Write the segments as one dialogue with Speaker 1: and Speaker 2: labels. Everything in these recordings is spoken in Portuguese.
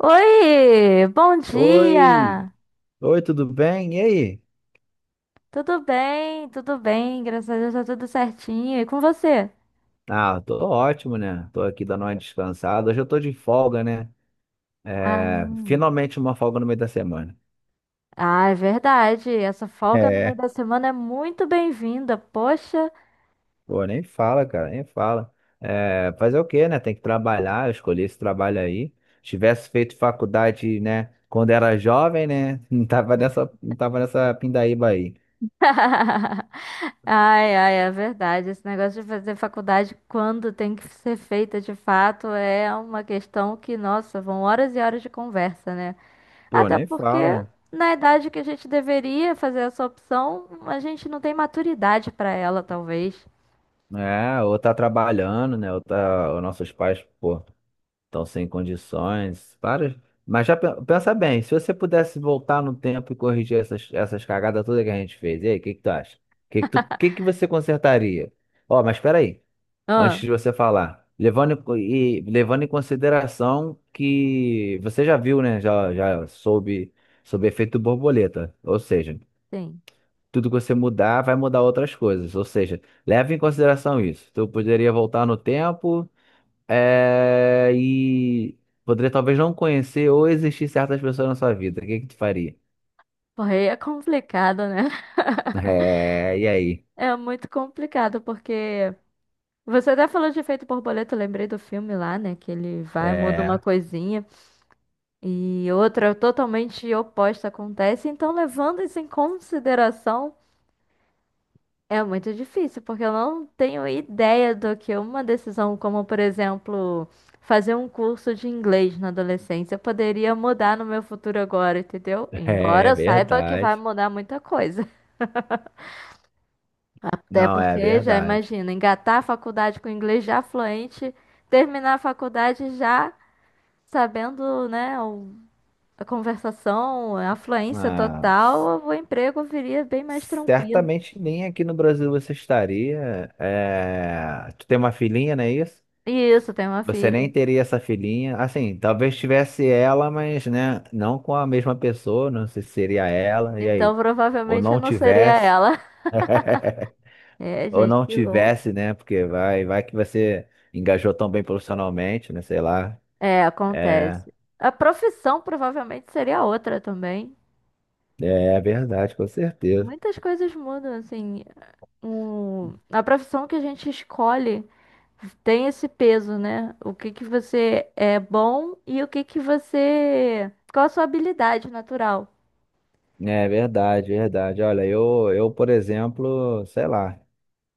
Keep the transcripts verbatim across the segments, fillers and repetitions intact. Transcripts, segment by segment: Speaker 1: Oi, bom
Speaker 2: Oi,
Speaker 1: dia!
Speaker 2: oi, tudo bem? E aí?
Speaker 1: Tudo bem, tudo bem, graças a Deus tá tudo certinho. E com você?
Speaker 2: Ah, tô ótimo, né? Tô aqui dando uma descansada. Hoje eu tô de folga, né? É,
Speaker 1: Ah,
Speaker 2: finalmente uma folga no meio da semana.
Speaker 1: ah, é verdade. Essa folga no meio
Speaker 2: É,
Speaker 1: da semana é muito bem-vinda, poxa.
Speaker 2: Pô, nem fala, cara, nem fala. É, fazer o quê, né? Tem que trabalhar, eu escolhi esse trabalho aí. Se tivesse feito faculdade, né, quando era jovem, né? Não tava nessa, não tava nessa pindaíba aí.
Speaker 1: Ai, ai, é verdade. Esse negócio de fazer faculdade quando tem que ser feita de fato é uma questão que, nossa, vão horas e horas de conversa, né?
Speaker 2: Pô,
Speaker 1: Até
Speaker 2: nem
Speaker 1: porque,
Speaker 2: fala.
Speaker 1: na idade que a gente deveria fazer essa opção, a gente não tem maturidade pra ela, talvez.
Speaker 2: É, ou tá trabalhando, né? Ou tá, os nossos pais, pô. Estão sem condições. Para. Mas já pe- pensa bem, se você pudesse voltar no tempo e corrigir essas, essas cagadas todas que a gente fez, e aí, o que que tu acha? O que que tu, que que você consertaria? Ó, mas espera aí, antes
Speaker 1: Ah,
Speaker 2: de você falar, levando em co- e levando em consideração que você já viu, né? Já, já soube sobre efeito borboleta, ou seja,
Speaker 1: sim.
Speaker 2: tudo que você mudar vai mudar outras coisas, ou seja, leve em consideração isso. Tu poderia voltar no tempo é, e poderia talvez não conhecer ou existir certas pessoas na sua vida. O que que tu faria?
Speaker 1: Porra, aí é complicado, né?
Speaker 2: É, e aí?
Speaker 1: É muito complicado, porque você até falou de efeito borboleta, eu lembrei do filme lá, né? Que ele vai, muda uma coisinha e outra totalmente oposta acontece. Então, levando isso em consideração, é muito difícil, porque eu não tenho ideia do que uma decisão como, por exemplo, fazer um curso de inglês na adolescência poderia mudar no meu futuro agora, entendeu?
Speaker 2: É,
Speaker 1: Embora
Speaker 2: é
Speaker 1: eu saiba que vai
Speaker 2: verdade.
Speaker 1: mudar muita coisa. Até
Speaker 2: Não, é
Speaker 1: porque, já
Speaker 2: verdade.
Speaker 1: imagina, engatar a faculdade com inglês já fluente, terminar a faculdade já sabendo, né, o- a conversação, a fluência
Speaker 2: Mas
Speaker 1: total, o emprego viria bem mais tranquilo.
Speaker 2: certamente nem aqui no Brasil você estaria. É, tu tem uma filhinha, não é isso?
Speaker 1: E isso, tem uma
Speaker 2: Você nem
Speaker 1: filha.
Speaker 2: teria essa filhinha. Assim, talvez tivesse ela, mas né, não com a mesma pessoa. Não sei se seria ela. E
Speaker 1: Então,
Speaker 2: aí? Ou
Speaker 1: provavelmente eu
Speaker 2: não
Speaker 1: não seria
Speaker 2: tivesse.
Speaker 1: ela. É,
Speaker 2: Ou
Speaker 1: gente,
Speaker 2: não
Speaker 1: que louco.
Speaker 2: tivesse, né? Porque vai, vai que você engajou tão bem profissionalmente, né? Sei lá.
Speaker 1: É,
Speaker 2: É,
Speaker 1: acontece. A profissão provavelmente seria outra também.
Speaker 2: é é verdade, com certeza.
Speaker 1: Muitas coisas mudam, assim. O... A profissão que a gente escolhe tem esse peso, né? O que que você é bom e o que que você. Qual a sua habilidade natural?
Speaker 2: É verdade, verdade. Olha, eu, eu, por exemplo, sei lá,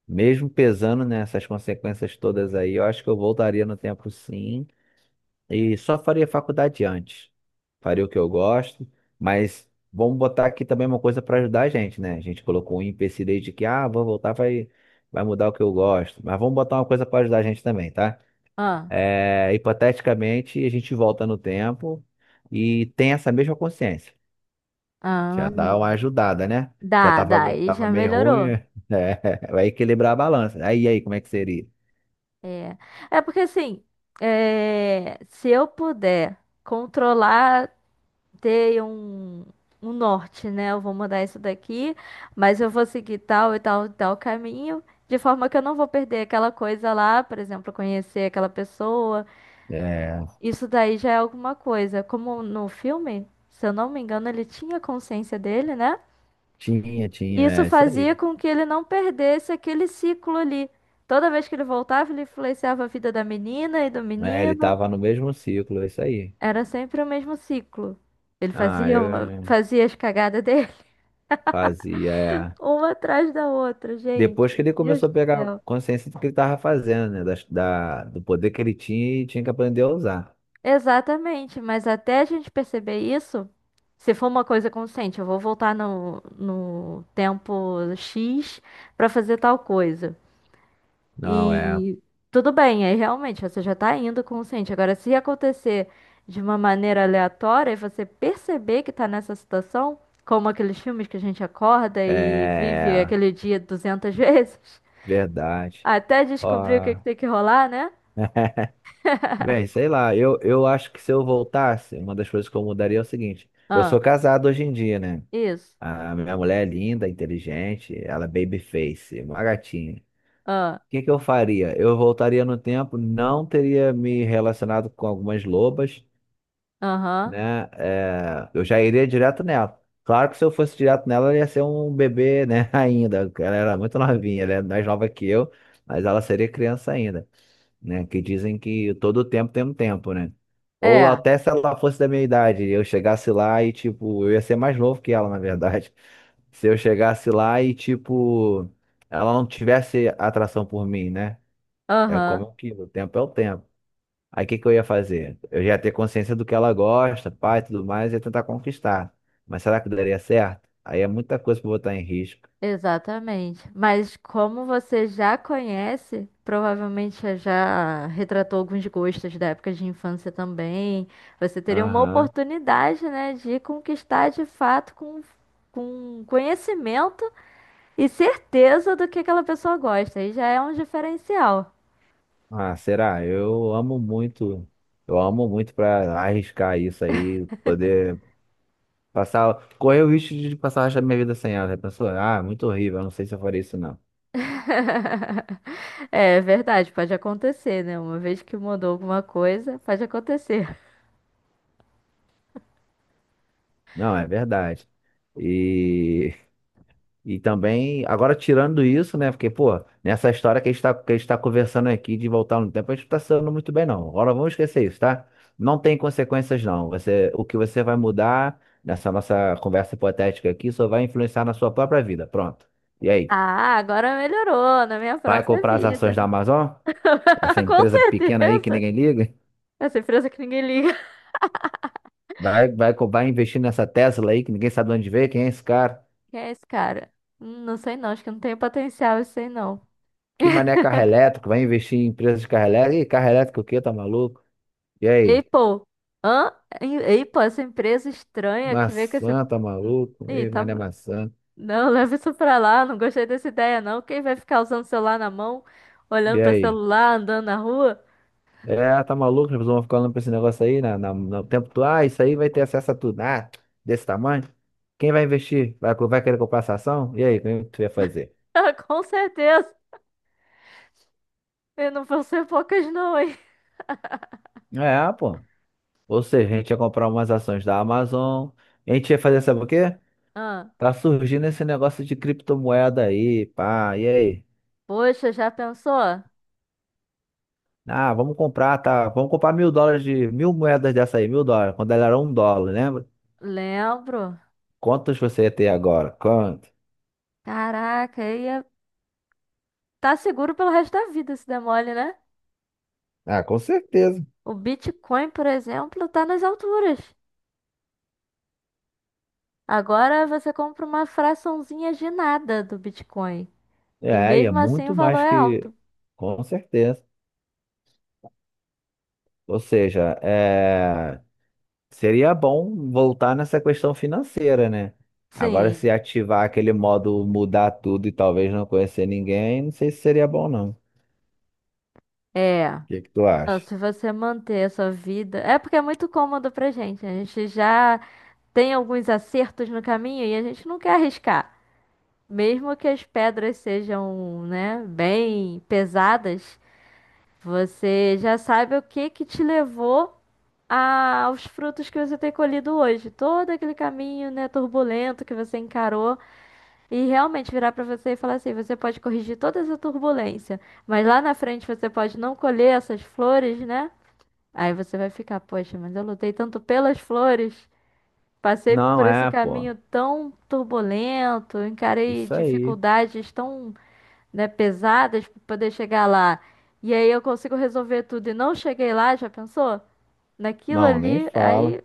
Speaker 2: mesmo pesando nessas consequências todas aí, eu acho que eu voltaria no tempo sim. E só faria faculdade antes. Faria o que eu gosto, mas vamos botar aqui também uma coisa para ajudar a gente, né? A gente colocou um empecilho aí de que, ah, vou voltar, vai, vai mudar o que eu gosto. Mas vamos botar uma coisa para ajudar a gente também, tá?
Speaker 1: Ah,
Speaker 2: É, hipoteticamente, a gente volta no tempo e tem essa mesma consciência.
Speaker 1: ah,
Speaker 2: Já dá uma ajudada, né? Já
Speaker 1: dá,
Speaker 2: tava,
Speaker 1: dá,
Speaker 2: me-
Speaker 1: aí
Speaker 2: tava
Speaker 1: já
Speaker 2: meio ruim,
Speaker 1: melhorou.
Speaker 2: é, vai equilibrar a balança. Aí, aí, como é que seria?
Speaker 1: É, é porque assim, é, se eu puder controlar. Ter um, um norte, né? Eu vou mudar isso daqui, mas eu vou seguir tal e tal e tal caminho, de forma que eu não vou perder aquela coisa lá, por exemplo, conhecer aquela pessoa.
Speaker 2: É,
Speaker 1: Isso daí já é alguma coisa. Como no filme, se eu não me engano, ele tinha consciência dele, né?
Speaker 2: tinha, tinha,
Speaker 1: Isso
Speaker 2: é isso aí.
Speaker 1: fazia com que ele não perdesse aquele ciclo ali. Toda vez que ele voltava, ele influenciava a vida da menina e do
Speaker 2: É, ele
Speaker 1: menino.
Speaker 2: tava no mesmo ciclo, é isso aí.
Speaker 1: Era sempre o mesmo ciclo. Ele
Speaker 2: Ah,
Speaker 1: fazia, uma-
Speaker 2: eu
Speaker 1: fazia as cagadas
Speaker 2: fazia. É.
Speaker 1: uma atrás da outra, gente.
Speaker 2: Depois que ele
Speaker 1: Deus
Speaker 2: começou a
Speaker 1: do
Speaker 2: pegar
Speaker 1: céu.
Speaker 2: consciência do que ele estava fazendo, né? das- Da, do poder que ele tinha e tinha que aprender a usar.
Speaker 1: Exatamente, mas até a gente perceber isso, se for uma coisa consciente, eu vou voltar no, no tempo X para fazer tal coisa.
Speaker 2: Não, é.
Speaker 1: E tudo bem, aí realmente você já tá indo consciente. Agora, se acontecer de uma maneira aleatória e você perceber que tá nessa situação, como aqueles filmes que a gente acorda e vive
Speaker 2: É.
Speaker 1: aquele dia duzentas vezes,
Speaker 2: Verdade.
Speaker 1: até descobrir o que que
Speaker 2: Ó.
Speaker 1: tem que rolar, né?
Speaker 2: Bem, sei lá, eu, eu acho que se eu voltasse, uma das coisas que eu mudaria é o seguinte: eu sou
Speaker 1: Ah.
Speaker 2: casado hoje em dia, né?
Speaker 1: Isso.
Speaker 2: A minha mulher é linda, inteligente, ela é babyface, uma gatinha. O
Speaker 1: Ah.
Speaker 2: que que eu faria? Eu voltaria no tempo, não teria me relacionado com algumas lobas,
Speaker 1: Aham.
Speaker 2: né? É, eu já iria direto nela. Claro que se eu fosse direto nela, ela ia ser um bebê, né? Ainda. Ela era muito novinha, ela é mais nova que eu, mas ela seria criança ainda, né? Que dizem que todo tempo tem um tempo, né? Ou
Speaker 1: É.
Speaker 2: até se ela fosse da minha idade, eu chegasse lá e, tipo, eu ia ser mais novo que ela, na verdade. Se eu chegasse lá e, tipo, ela não tivesse atração por mim, né? É como
Speaker 1: Aham.
Speaker 2: aquilo, o tempo é o tempo. Aí o que que eu ia fazer? Eu já ia ter consciência do que ela gosta, pai, tudo mais, e ia tentar conquistar. Mas será que daria certo? Aí é muita coisa pra botar em risco.
Speaker 1: Exatamente. Mas como você já conhece, provavelmente já já retratou alguns gostos da época de infância também. Você teria uma
Speaker 2: Aham.
Speaker 1: oportunidade, né, de conquistar de fato com, com conhecimento e certeza do que aquela pessoa gosta. Aí já é um diferencial.
Speaker 2: Ah, será? Eu amo muito. Eu amo muito pra arriscar isso aí, poder passar, correr o risco de passar o resto da minha vida sem ela. Já pensou? Ah, muito horrível, eu não sei se eu faria isso não.
Speaker 1: É verdade, pode acontecer, né? Uma vez que mudou alguma coisa, pode acontecer.
Speaker 2: Não, é verdade. E E também, agora tirando isso, né? Porque, pô, nessa história que a gente tá, que a gente tá conversando aqui de voltar no tempo, a gente não tá se dando muito bem, não. Agora vamos esquecer isso, tá? Não tem consequências, não. Você, o que você vai mudar nessa nossa conversa hipotética aqui só vai influenciar na sua própria vida. Pronto. E aí?
Speaker 1: Ah, agora melhorou na minha
Speaker 2: Vai
Speaker 1: própria
Speaker 2: comprar as
Speaker 1: vida.
Speaker 2: ações da Amazon? Essa
Speaker 1: Com
Speaker 2: empresa pequena aí que
Speaker 1: certeza.
Speaker 2: ninguém liga?
Speaker 1: Essa empresa que ninguém liga.
Speaker 2: Vai, vai, co- vai investir nessa Tesla aí que ninguém sabe de onde veio? Quem é esse cara?
Speaker 1: Quem é esse cara? Hum, não sei não, acho que não tem potencial, isso aí não.
Speaker 2: Que mané carro elétrico? Vai investir em empresas de carro elétrico? Ih, carro elétrico o quê? Tá maluco? E
Speaker 1: Ei,
Speaker 2: aí?
Speaker 1: pô. Hã? Ei, pô, essa empresa estranha que veio com esse...
Speaker 2: Maçã, tá
Speaker 1: Hum.
Speaker 2: maluco?
Speaker 1: Ih,
Speaker 2: Ih,
Speaker 1: tá...
Speaker 2: mas não é maçã.
Speaker 1: Não, leva isso pra lá, não gostei dessa ideia não. Quem vai ficar usando o celular na mão, olhando
Speaker 2: E
Speaker 1: pra
Speaker 2: aí?
Speaker 1: celular, andando na rua?
Speaker 2: É, tá maluco? As pessoas vão ficar olhando pra esse negócio aí na, na, no tempo todo. Ah, isso aí vai ter acesso a tudo. Ah, desse tamanho. Quem vai investir? Vai, co- vai querer comprar essa ação? E aí, o que tu ia fazer?
Speaker 1: Com certeza. E não vão ser poucas não, hein?
Speaker 2: É, pô. Ou seja, a gente ia comprar umas ações da Amazon. A gente ia fazer, sabe o quê?
Speaker 1: Ah,
Speaker 2: Tá surgindo esse negócio de criptomoeda aí, pá. E aí?
Speaker 1: poxa, já pensou?
Speaker 2: Ah, vamos comprar, tá? Vamos comprar mil dólares de mil moedas dessa aí, mil dólares, quando ela era um dólar, né?
Speaker 1: Lembro.
Speaker 2: Quantas você ia ter agora? Quanto?
Speaker 1: Caraca, ia tá seguro pelo resto da vida se der mole, né?
Speaker 2: Ah, com certeza.
Speaker 1: O Bitcoin, por exemplo, tá nas alturas. Agora você compra uma fraçãozinha de nada do Bitcoin. E
Speaker 2: É, e é
Speaker 1: mesmo assim o
Speaker 2: muito
Speaker 1: valor
Speaker 2: mais
Speaker 1: é alto.
Speaker 2: que. Com certeza. Ou seja, é, seria bom voltar nessa questão financeira, né? Agora,
Speaker 1: Sim,
Speaker 2: se ativar aquele modo mudar tudo e talvez não conhecer ninguém, não sei se seria bom, não. O
Speaker 1: é.
Speaker 2: que que tu
Speaker 1: Não,
Speaker 2: acha?
Speaker 1: se você manter a sua vida. É porque é muito cômodo pra gente. A gente já tem alguns acertos no caminho e a gente não quer arriscar. Mesmo que as pedras sejam, né, bem pesadas, você já sabe o que que te levou a- aos frutos que você tem colhido hoje. Todo aquele caminho, né, turbulento que você encarou e realmente virar para você e falar assim, você pode corrigir toda essa turbulência, mas lá na frente você pode não colher essas flores, né? Aí você vai ficar, poxa, mas eu lutei tanto pelas flores, passei por
Speaker 2: Não,
Speaker 1: esse
Speaker 2: é, pô.
Speaker 1: caminho tão turbulento, encarei
Speaker 2: Isso aí.
Speaker 1: dificuldades tão, né, pesadas para poder chegar lá. E aí eu consigo resolver tudo e não cheguei lá, já pensou? Naquilo
Speaker 2: Não, nem
Speaker 1: ali,
Speaker 2: fala.
Speaker 1: aí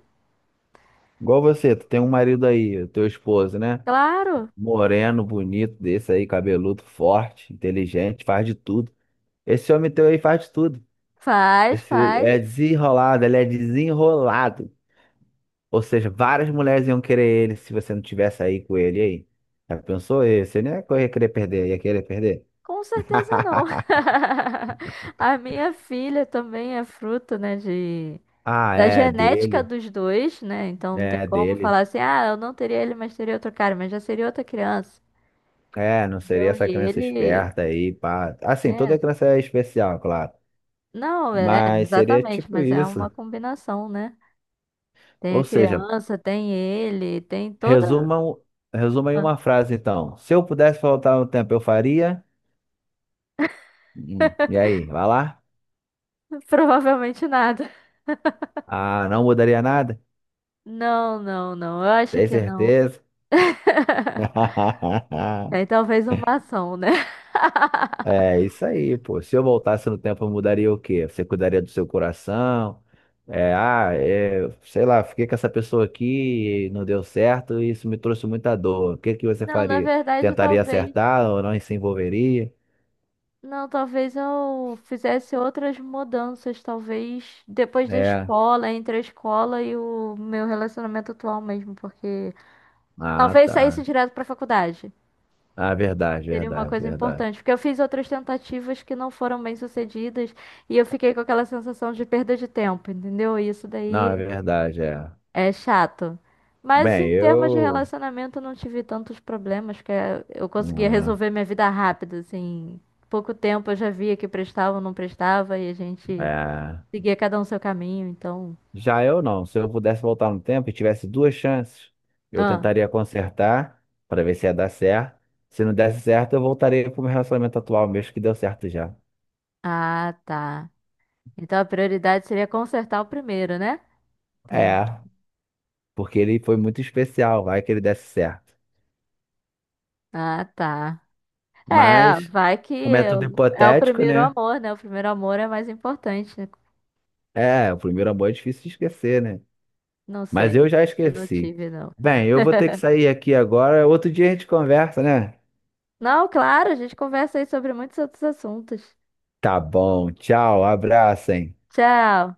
Speaker 2: Igual você, tu tem um marido aí, o teu esposo, né?
Speaker 1: claro,
Speaker 2: Moreno, bonito, desse aí, cabeludo, forte, inteligente, faz de tudo. Esse homem teu aí faz de tudo.
Speaker 1: faz,
Speaker 2: Esse é
Speaker 1: faz.
Speaker 2: desenrolado, ele é desenrolado. Ou seja, várias mulheres iam querer ele se você não tivesse aí com ele. E aí. Já pensou? E você nem ia correr- querer perder, ia querer perder.
Speaker 1: Com certeza não. A minha filha também é fruto, né, de
Speaker 2: Ah,
Speaker 1: da
Speaker 2: é
Speaker 1: genética
Speaker 2: dele,
Speaker 1: dos dois, né? Então não tem
Speaker 2: é
Speaker 1: como
Speaker 2: dele.
Speaker 1: falar assim, ah, eu não teria ele, mas teria outro cara, mas já seria outra criança.
Speaker 2: É, não seria
Speaker 1: Entendeu?
Speaker 2: essa
Speaker 1: E
Speaker 2: criança
Speaker 1: ele
Speaker 2: esperta aí, pá. Assim,
Speaker 1: é,
Speaker 2: toda criança é especial, claro.
Speaker 1: não, é,
Speaker 2: Mas seria
Speaker 1: exatamente,
Speaker 2: tipo
Speaker 1: mas é
Speaker 2: isso.
Speaker 1: uma combinação, né? Tem a
Speaker 2: Ou seja,
Speaker 1: criança, tem ele, tem toda,
Speaker 2: resuma, um- resuma aí uma frase então. Se eu pudesse voltar no tempo, eu faria. Hum, E aí, vai lá?
Speaker 1: provavelmente nada.
Speaker 2: Ah, não mudaria nada?
Speaker 1: Não, não, não. Eu acho
Speaker 2: Tem
Speaker 1: que não.
Speaker 2: certeza?
Speaker 1: É talvez uma ação, né?
Speaker 2: É isso aí, pô. Se eu voltasse no tempo, eu mudaria o quê? Você cuidaria do seu coração? É, ah, é, sei lá, fiquei com essa pessoa aqui, não deu certo, e isso me trouxe muita dor. O que que você
Speaker 1: Não, na
Speaker 2: faria?
Speaker 1: verdade,
Speaker 2: Tentaria
Speaker 1: talvez.
Speaker 2: acertar ou não se envolveria?
Speaker 1: Não, talvez eu fizesse outras mudanças, talvez depois da
Speaker 2: É.
Speaker 1: escola, entre a escola e o meu relacionamento atual mesmo, porque
Speaker 2: Ah,
Speaker 1: talvez saísse
Speaker 2: tá.
Speaker 1: direto pra faculdade.
Speaker 2: Ah, verdade,
Speaker 1: Seria uma
Speaker 2: verdade,
Speaker 1: coisa
Speaker 2: verdade.
Speaker 1: importante, porque eu fiz outras tentativas que não foram bem sucedidas e eu fiquei com aquela sensação de perda de tempo, entendeu? E isso
Speaker 2: Não, é
Speaker 1: daí
Speaker 2: verdade, é.
Speaker 1: é chato. Mas
Speaker 2: Bem,
Speaker 1: em termos de
Speaker 2: eu.
Speaker 1: relacionamento, eu não tive tantos problemas, porque eu conseguia
Speaker 2: Hum.
Speaker 1: resolver minha vida rápido, assim. Pouco tempo eu já via que prestava ou não prestava, e a gente
Speaker 2: É.
Speaker 1: seguia cada um seu caminho, então.
Speaker 2: Já eu não. Se eu pudesse voltar no tempo e tivesse duas chances, eu
Speaker 1: Ah,
Speaker 2: tentaria consertar para ver se ia dar certo. Se não desse certo, eu voltaria pro meu relacionamento atual mesmo, que deu certo já.
Speaker 1: ah, tá. Então a prioridade seria consertar o primeiro, né? Entendi.
Speaker 2: É, porque ele foi muito especial, vai que ele desse certo.
Speaker 1: Ah, tá. É,
Speaker 2: Mas,
Speaker 1: vai que
Speaker 2: como é
Speaker 1: é,
Speaker 2: tudo
Speaker 1: o é o
Speaker 2: hipotético,
Speaker 1: primeiro
Speaker 2: né?
Speaker 1: amor, né? O primeiro amor é mais importante, né?
Speaker 2: É, o primeiro amor é difícil de esquecer, né?
Speaker 1: Não
Speaker 2: Mas eu
Speaker 1: sei.
Speaker 2: já
Speaker 1: Eu não
Speaker 2: esqueci.
Speaker 1: tive, não.
Speaker 2: Bem, eu vou ter que sair aqui agora. Outro dia a gente conversa, né?
Speaker 1: Não, claro, a gente conversa aí sobre muitos outros assuntos.
Speaker 2: Tá bom, tchau, abraço, hein?
Speaker 1: Tchau.